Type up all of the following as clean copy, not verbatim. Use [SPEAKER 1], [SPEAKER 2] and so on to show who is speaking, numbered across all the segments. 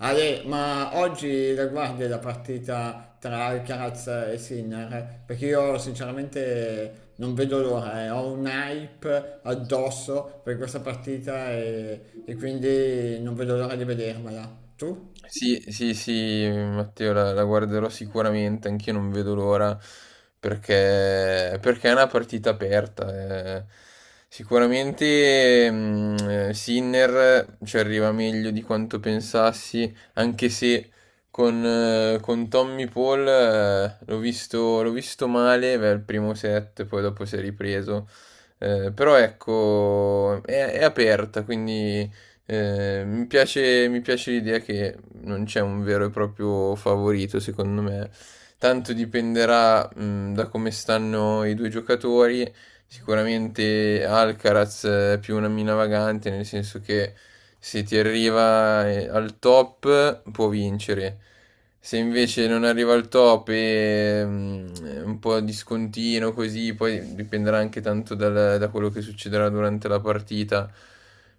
[SPEAKER 1] Ale, ma oggi la guardi la partita tra Alcaraz e Sinner? Perché io sinceramente non vedo l'ora, eh. Ho un hype addosso per questa partita e quindi non vedo l'ora di vedermela. Tu?
[SPEAKER 2] Sì, sì, sì, Matteo, la guarderò sicuramente, anch'io non vedo l'ora, perché è una partita aperta. Eh. Sicuramente Sinner ci arriva meglio di quanto pensassi, anche se con Tommy Paul l'ho visto male, beh, il primo set, poi dopo si è ripreso. Però ecco, è aperta, quindi... mi piace l'idea che non c'è un vero e proprio favorito, secondo me. Tanto dipenderà, da come stanno i due giocatori. Sicuramente Alcaraz è più una mina vagante, nel senso che se ti arriva al top può vincere. Se invece non arriva al top e è un po' discontinuo così, poi dipenderà anche tanto da quello che succederà durante la partita.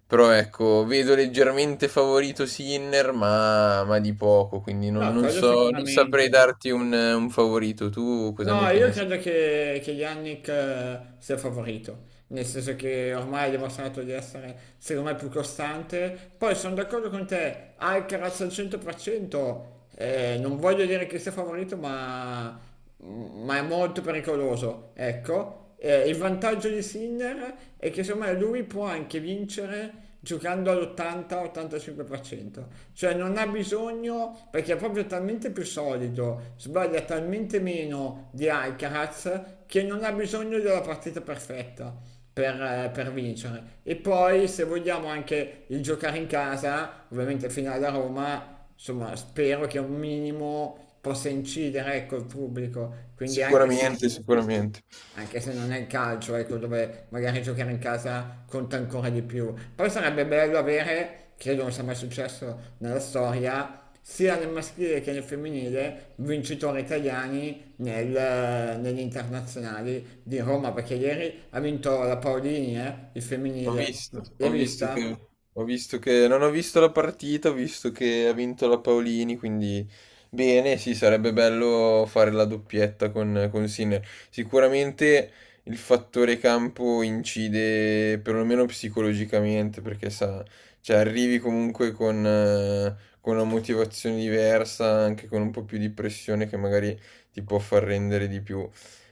[SPEAKER 2] Però ecco, vedo leggermente favorito Sinner, ma di poco, quindi
[SPEAKER 1] No,
[SPEAKER 2] non
[SPEAKER 1] quello
[SPEAKER 2] so, non saprei
[SPEAKER 1] sicuramente.
[SPEAKER 2] darti un favorito. Tu cosa ne
[SPEAKER 1] No, io
[SPEAKER 2] pensi?
[SPEAKER 1] credo che Yannick sia favorito, nel senso che ormai ha dimostrato di essere, secondo me, più costante. Poi sono d'accordo con te, Alcaraz al 100%, non voglio dire che sia favorito, ma è molto pericoloso, ecco. Il vantaggio di Sinner è che secondo me lui può anche vincere giocando all'80-85%, cioè non ha bisogno perché è proprio talmente più solido, sbaglia talmente meno di Alcaraz che non ha bisogno della partita perfetta per vincere. E poi se vogliamo anche il giocare in casa, ovviamente finale a Roma, insomma spero che un minimo possa incidere ecco, il pubblico, quindi anche
[SPEAKER 2] Sicuramente,
[SPEAKER 1] se
[SPEAKER 2] sicuramente.
[SPEAKER 1] anche se non è il calcio, ecco, dove magari giocare in casa conta ancora di più. Poi sarebbe bello avere, credo non sia mai successo nella storia, sia nel maschile che nel femminile, vincitori italiani negli internazionali di Roma, perché ieri ha vinto la Paolini, il femminile. L'hai
[SPEAKER 2] Ho visto
[SPEAKER 1] vista?
[SPEAKER 2] ho visto che non ho visto la partita, ho visto che ha vinto la Paolini, quindi bene, sì, sarebbe bello fare la doppietta con Sinner. Sicuramente il fattore campo incide perlomeno psicologicamente, perché sa, cioè arrivi comunque con una motivazione diversa, anche con un po' più di pressione che magari ti può far rendere di più.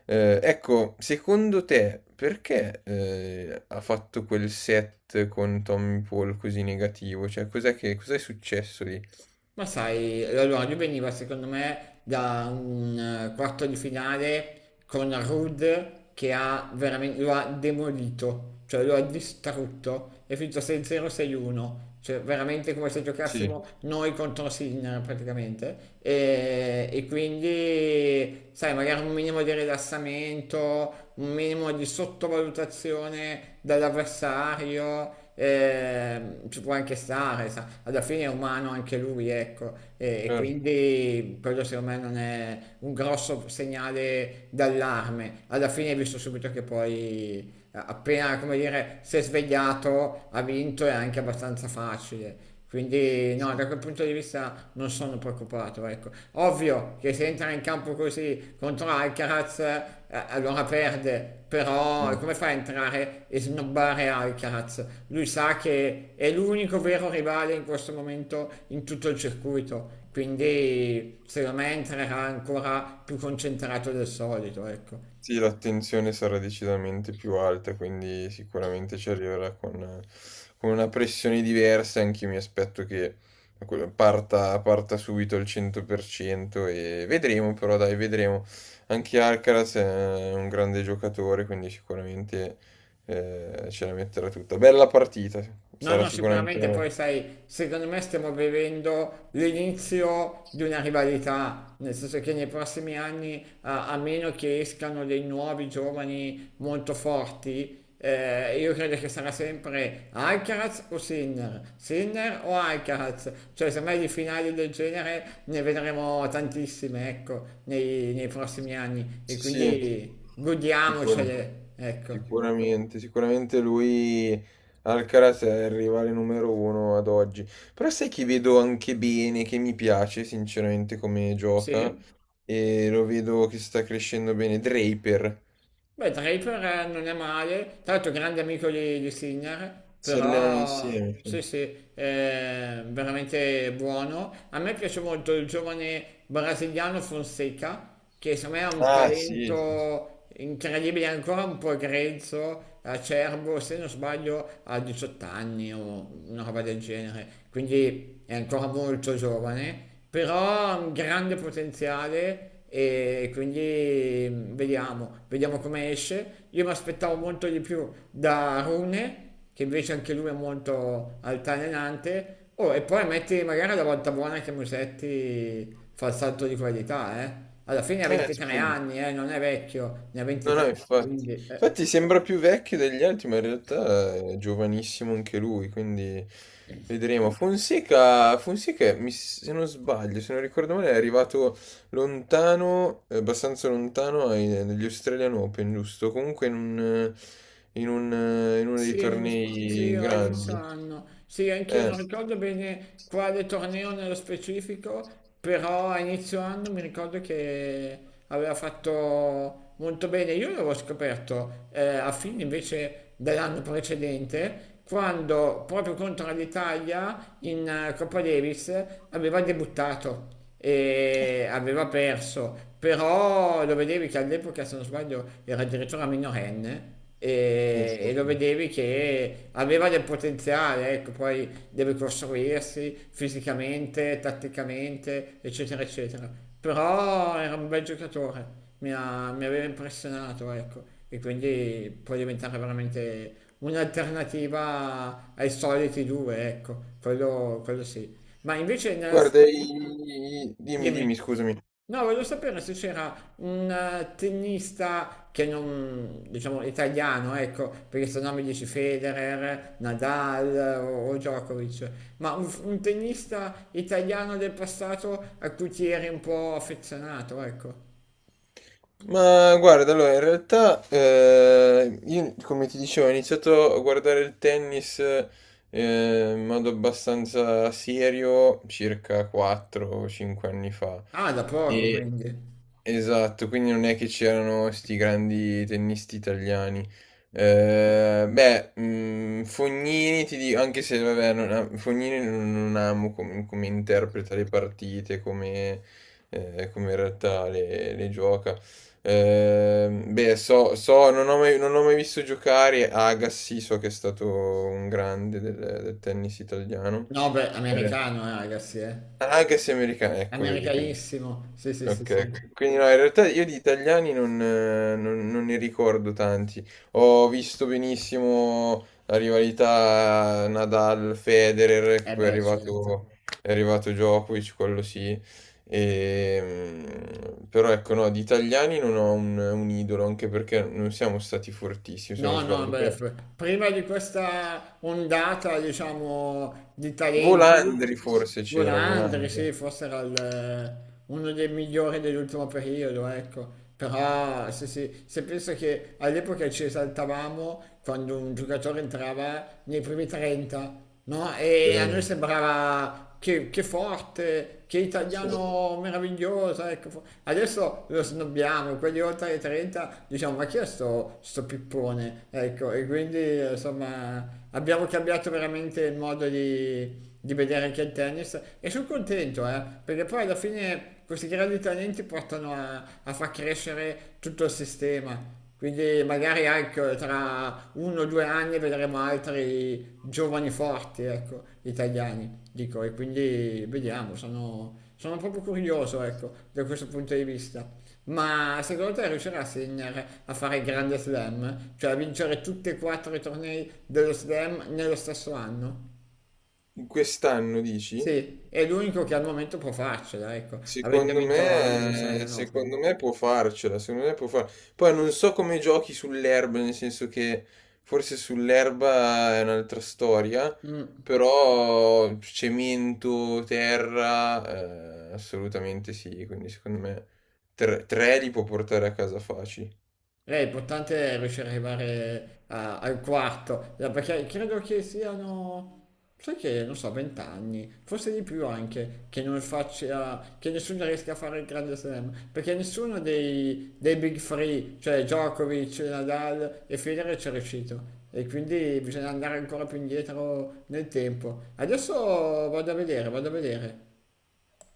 [SPEAKER 2] Ecco, secondo te perché ha fatto quel set con Tommy Paul così negativo? Cioè, cos'è successo lì?
[SPEAKER 1] Ma sai, l'orologio veniva secondo me da un quarto di finale con Ruud che ha veramente, lo ha demolito, cioè lo ha distrutto, è finito 6-0, 6-1, cioè veramente come se
[SPEAKER 2] Sì.
[SPEAKER 1] giocassimo noi contro Sinner praticamente. E quindi, sai, magari un minimo di rilassamento, un minimo di sottovalutazione dall'avversario ci può anche stare, sa. Alla fine è umano anche lui, ecco, e
[SPEAKER 2] Certo.
[SPEAKER 1] quindi quello secondo me non è un grosso segnale d'allarme. Alla fine hai visto subito che poi appena, come dire, si è svegliato, ha vinto, è anche abbastanza facile. Quindi no, da quel punto di vista non sono preoccupato, ecco. Ovvio che se entra in campo così contro Alcaraz, allora perde, però come fa a entrare e snobbare Alcaraz? Lui sa che è l'unico vero rivale in questo momento in tutto il circuito, quindi secondo me entrerà ancora più concentrato del solito, ecco.
[SPEAKER 2] Sì, l'attenzione sarà decisamente più alta, quindi sicuramente ci arriverà con una pressione diversa. Anch'io mi aspetto che parta subito al 100% e vedremo, però dai, vedremo. Anche Alcaraz è un grande giocatore, quindi sicuramente ce la metterà tutta. Bella partita,
[SPEAKER 1] No,
[SPEAKER 2] sarà
[SPEAKER 1] no,
[SPEAKER 2] sicuramente
[SPEAKER 1] sicuramente
[SPEAKER 2] una
[SPEAKER 1] poi sai, secondo me stiamo vivendo l'inizio di una rivalità, nel senso che nei prossimi anni, a meno che escano dei nuovi giovani molto forti, io credo che sarà sempre Alcaraz o Sinner, Sinner o Alcaraz, cioè semmai di finali del genere ne vedremo tantissime, ecco, nei prossimi anni e
[SPEAKER 2] sì, sì,
[SPEAKER 1] quindi
[SPEAKER 2] sicura-
[SPEAKER 1] godiamocele, ecco.
[SPEAKER 2] sicuramente, sicuramente lui Alcaraz è il rivale numero uno ad oggi. Però sai chi vedo anche bene, che mi piace sinceramente come gioca
[SPEAKER 1] Sì?
[SPEAKER 2] e lo vedo che sta crescendo bene, Draper,
[SPEAKER 1] Beh, Draper non è male, tra l'altro grande amico di Sinner,
[SPEAKER 2] si allenano
[SPEAKER 1] però
[SPEAKER 2] insieme. Sì.
[SPEAKER 1] sì, sì, è veramente buono. A me piace molto il giovane brasiliano Fonseca, che secondo me ha un
[SPEAKER 2] Ah, sì, sì, sì.
[SPEAKER 1] talento incredibile, ancora un po' grezzo, acerbo, se non sbaglio ha 18 anni o una roba del genere, quindi è ancora molto giovane però ha un grande potenziale e quindi vediamo, vediamo come esce. Io mi aspettavo molto di più da Rune, che invece anche lui è molto altalenante. Oh, e poi metti magari la volta buona che Musetti fa il salto di qualità, eh. Alla fine ha 23
[SPEAKER 2] Scusa.
[SPEAKER 1] anni, non è vecchio, ne ha
[SPEAKER 2] No, no,
[SPEAKER 1] 23,
[SPEAKER 2] infatti.
[SPEAKER 1] quindi...
[SPEAKER 2] Infatti sembra più vecchio degli altri, ma in realtà è giovanissimo anche lui, quindi vedremo. Fonseca, se non sbaglio, se non ricordo male, è arrivato lontano, abbastanza lontano negli Australian Open, giusto? Comunque in un, in uno dei
[SPEAKER 1] Sì, sì,
[SPEAKER 2] tornei
[SPEAKER 1] a inizio
[SPEAKER 2] grandi.
[SPEAKER 1] anno. Sì, anch'io
[SPEAKER 2] Eh.
[SPEAKER 1] non ricordo bene quale torneo nello specifico, però a inizio anno mi ricordo che aveva fatto molto bene. Io l'avevo scoperto a fine invece dell'anno precedente, quando proprio contro l'Italia in Coppa Davis aveva debuttato e aveva perso, però lo vedevi che all'epoca, se non sbaglio, era addirittura minorenne
[SPEAKER 2] Sì,
[SPEAKER 1] e,
[SPEAKER 2] sì,
[SPEAKER 1] e lo
[SPEAKER 2] sì.
[SPEAKER 1] vedevi che aveva del potenziale, ecco, poi deve costruirsi fisicamente, tatticamente, eccetera, eccetera. Però era un bel giocatore, mi aveva impressionato, ecco, e quindi può diventare veramente un'alternativa ai soliti due, ecco, quello sì. Ma invece nella
[SPEAKER 2] Guarda,
[SPEAKER 1] storia,
[SPEAKER 2] dimmi,
[SPEAKER 1] dimmi.
[SPEAKER 2] dimmi, scusami.
[SPEAKER 1] No, voglio sapere se c'era un tennista che non, diciamo, italiano, ecco, perché se no mi dici Federer, Nadal o Djokovic, ma un tennista italiano del passato a cui ti eri un po' affezionato, ecco.
[SPEAKER 2] Ma guarda, allora in realtà io come ti dicevo ho iniziato a guardare il tennis in modo abbastanza serio circa 4 o 5 anni fa.
[SPEAKER 1] Ah, da poco
[SPEAKER 2] E,
[SPEAKER 1] quindi.
[SPEAKER 2] esatto, quindi non è che c'erano sti grandi tennisti italiani. Beh, Fognini ti dico, anche se vabbè, non am- Fognini non amo come, come interpreta le partite, come, come in realtà le gioca. Beh, non ho mai, non ho mai visto giocare Agassi, so che è stato un grande del tennis italiano.
[SPEAKER 1] No, beh,
[SPEAKER 2] Eh,
[SPEAKER 1] americano, ragazzi, eh.
[SPEAKER 2] anche se americano, ecco, vedi, quindi.
[SPEAKER 1] Americanissimo, sì, sì, sì,
[SPEAKER 2] Ok,
[SPEAKER 1] sì.
[SPEAKER 2] ok, quindi no, in realtà io di italiani non ne ricordo tanti. Ho visto benissimo la rivalità Nadal-Federer, che
[SPEAKER 1] Eh
[SPEAKER 2] poi
[SPEAKER 1] beh, certo.
[SPEAKER 2] è arrivato Djokovic, quello sì. E, però ecco, no, di italiani non ho un idolo, anche perché non siamo stati fortissimi, se non
[SPEAKER 1] No, no,
[SPEAKER 2] sbaglio.
[SPEAKER 1] beh,
[SPEAKER 2] Però...
[SPEAKER 1] prima di questa ondata, diciamo, di talenti,
[SPEAKER 2] Volandri forse c'era,
[SPEAKER 1] Golandri, sì,
[SPEAKER 2] Volandri.
[SPEAKER 1] forse era uno dei migliori dell'ultimo periodo, ecco. Però se penso che all'epoca ci esaltavamo quando un giocatore entrava nei primi 30, no? E a noi
[SPEAKER 2] Veramente.
[SPEAKER 1] sembrava che forte, che
[SPEAKER 2] Sì, sì.
[SPEAKER 1] italiano meraviglioso, ecco. Adesso lo snobbiamo, quelli oltre i 30 diciamo ma chi è sto pippone? Ecco, e quindi insomma abbiamo cambiato veramente il modo di vedere anche il tennis e sono contento, perché poi alla fine questi grandi talenti portano a far crescere tutto il sistema. Quindi magari ecco, tra uno o due anni vedremo altri giovani forti, ecco, italiani, dico, e quindi vediamo, sono proprio curioso, ecco, da questo punto di vista. Ma secondo te riuscirà Sinner a fare il grande slam? Cioè a vincere tutti e quattro i tornei dello slam nello stesso anno?
[SPEAKER 2] In quest'anno dici?
[SPEAKER 1] Sì, è l'unico che al momento può farcela, ecco, avendo vinto l'Australian
[SPEAKER 2] Secondo
[SPEAKER 1] Open.
[SPEAKER 2] me può farcela, secondo me può far... Poi non so come giochi sull'erba, nel senso che forse sull'erba è un'altra storia,
[SPEAKER 1] Mm.
[SPEAKER 2] però cemento, terra, assolutamente sì, quindi secondo me tre, tre li può portare a casa facili.
[SPEAKER 1] È importante riuscire ad arrivare al quarto, perché credo che siano, sai che, non so, 20 anni, forse di più anche, che non faccia, che nessuno riesca a fare il Grande Slam, perché nessuno dei Big Three, cioè Djokovic, Nadal e Federer ci è riuscito. E quindi bisogna andare ancora più indietro nel tempo. Adesso vado a vedere, vado a vedere.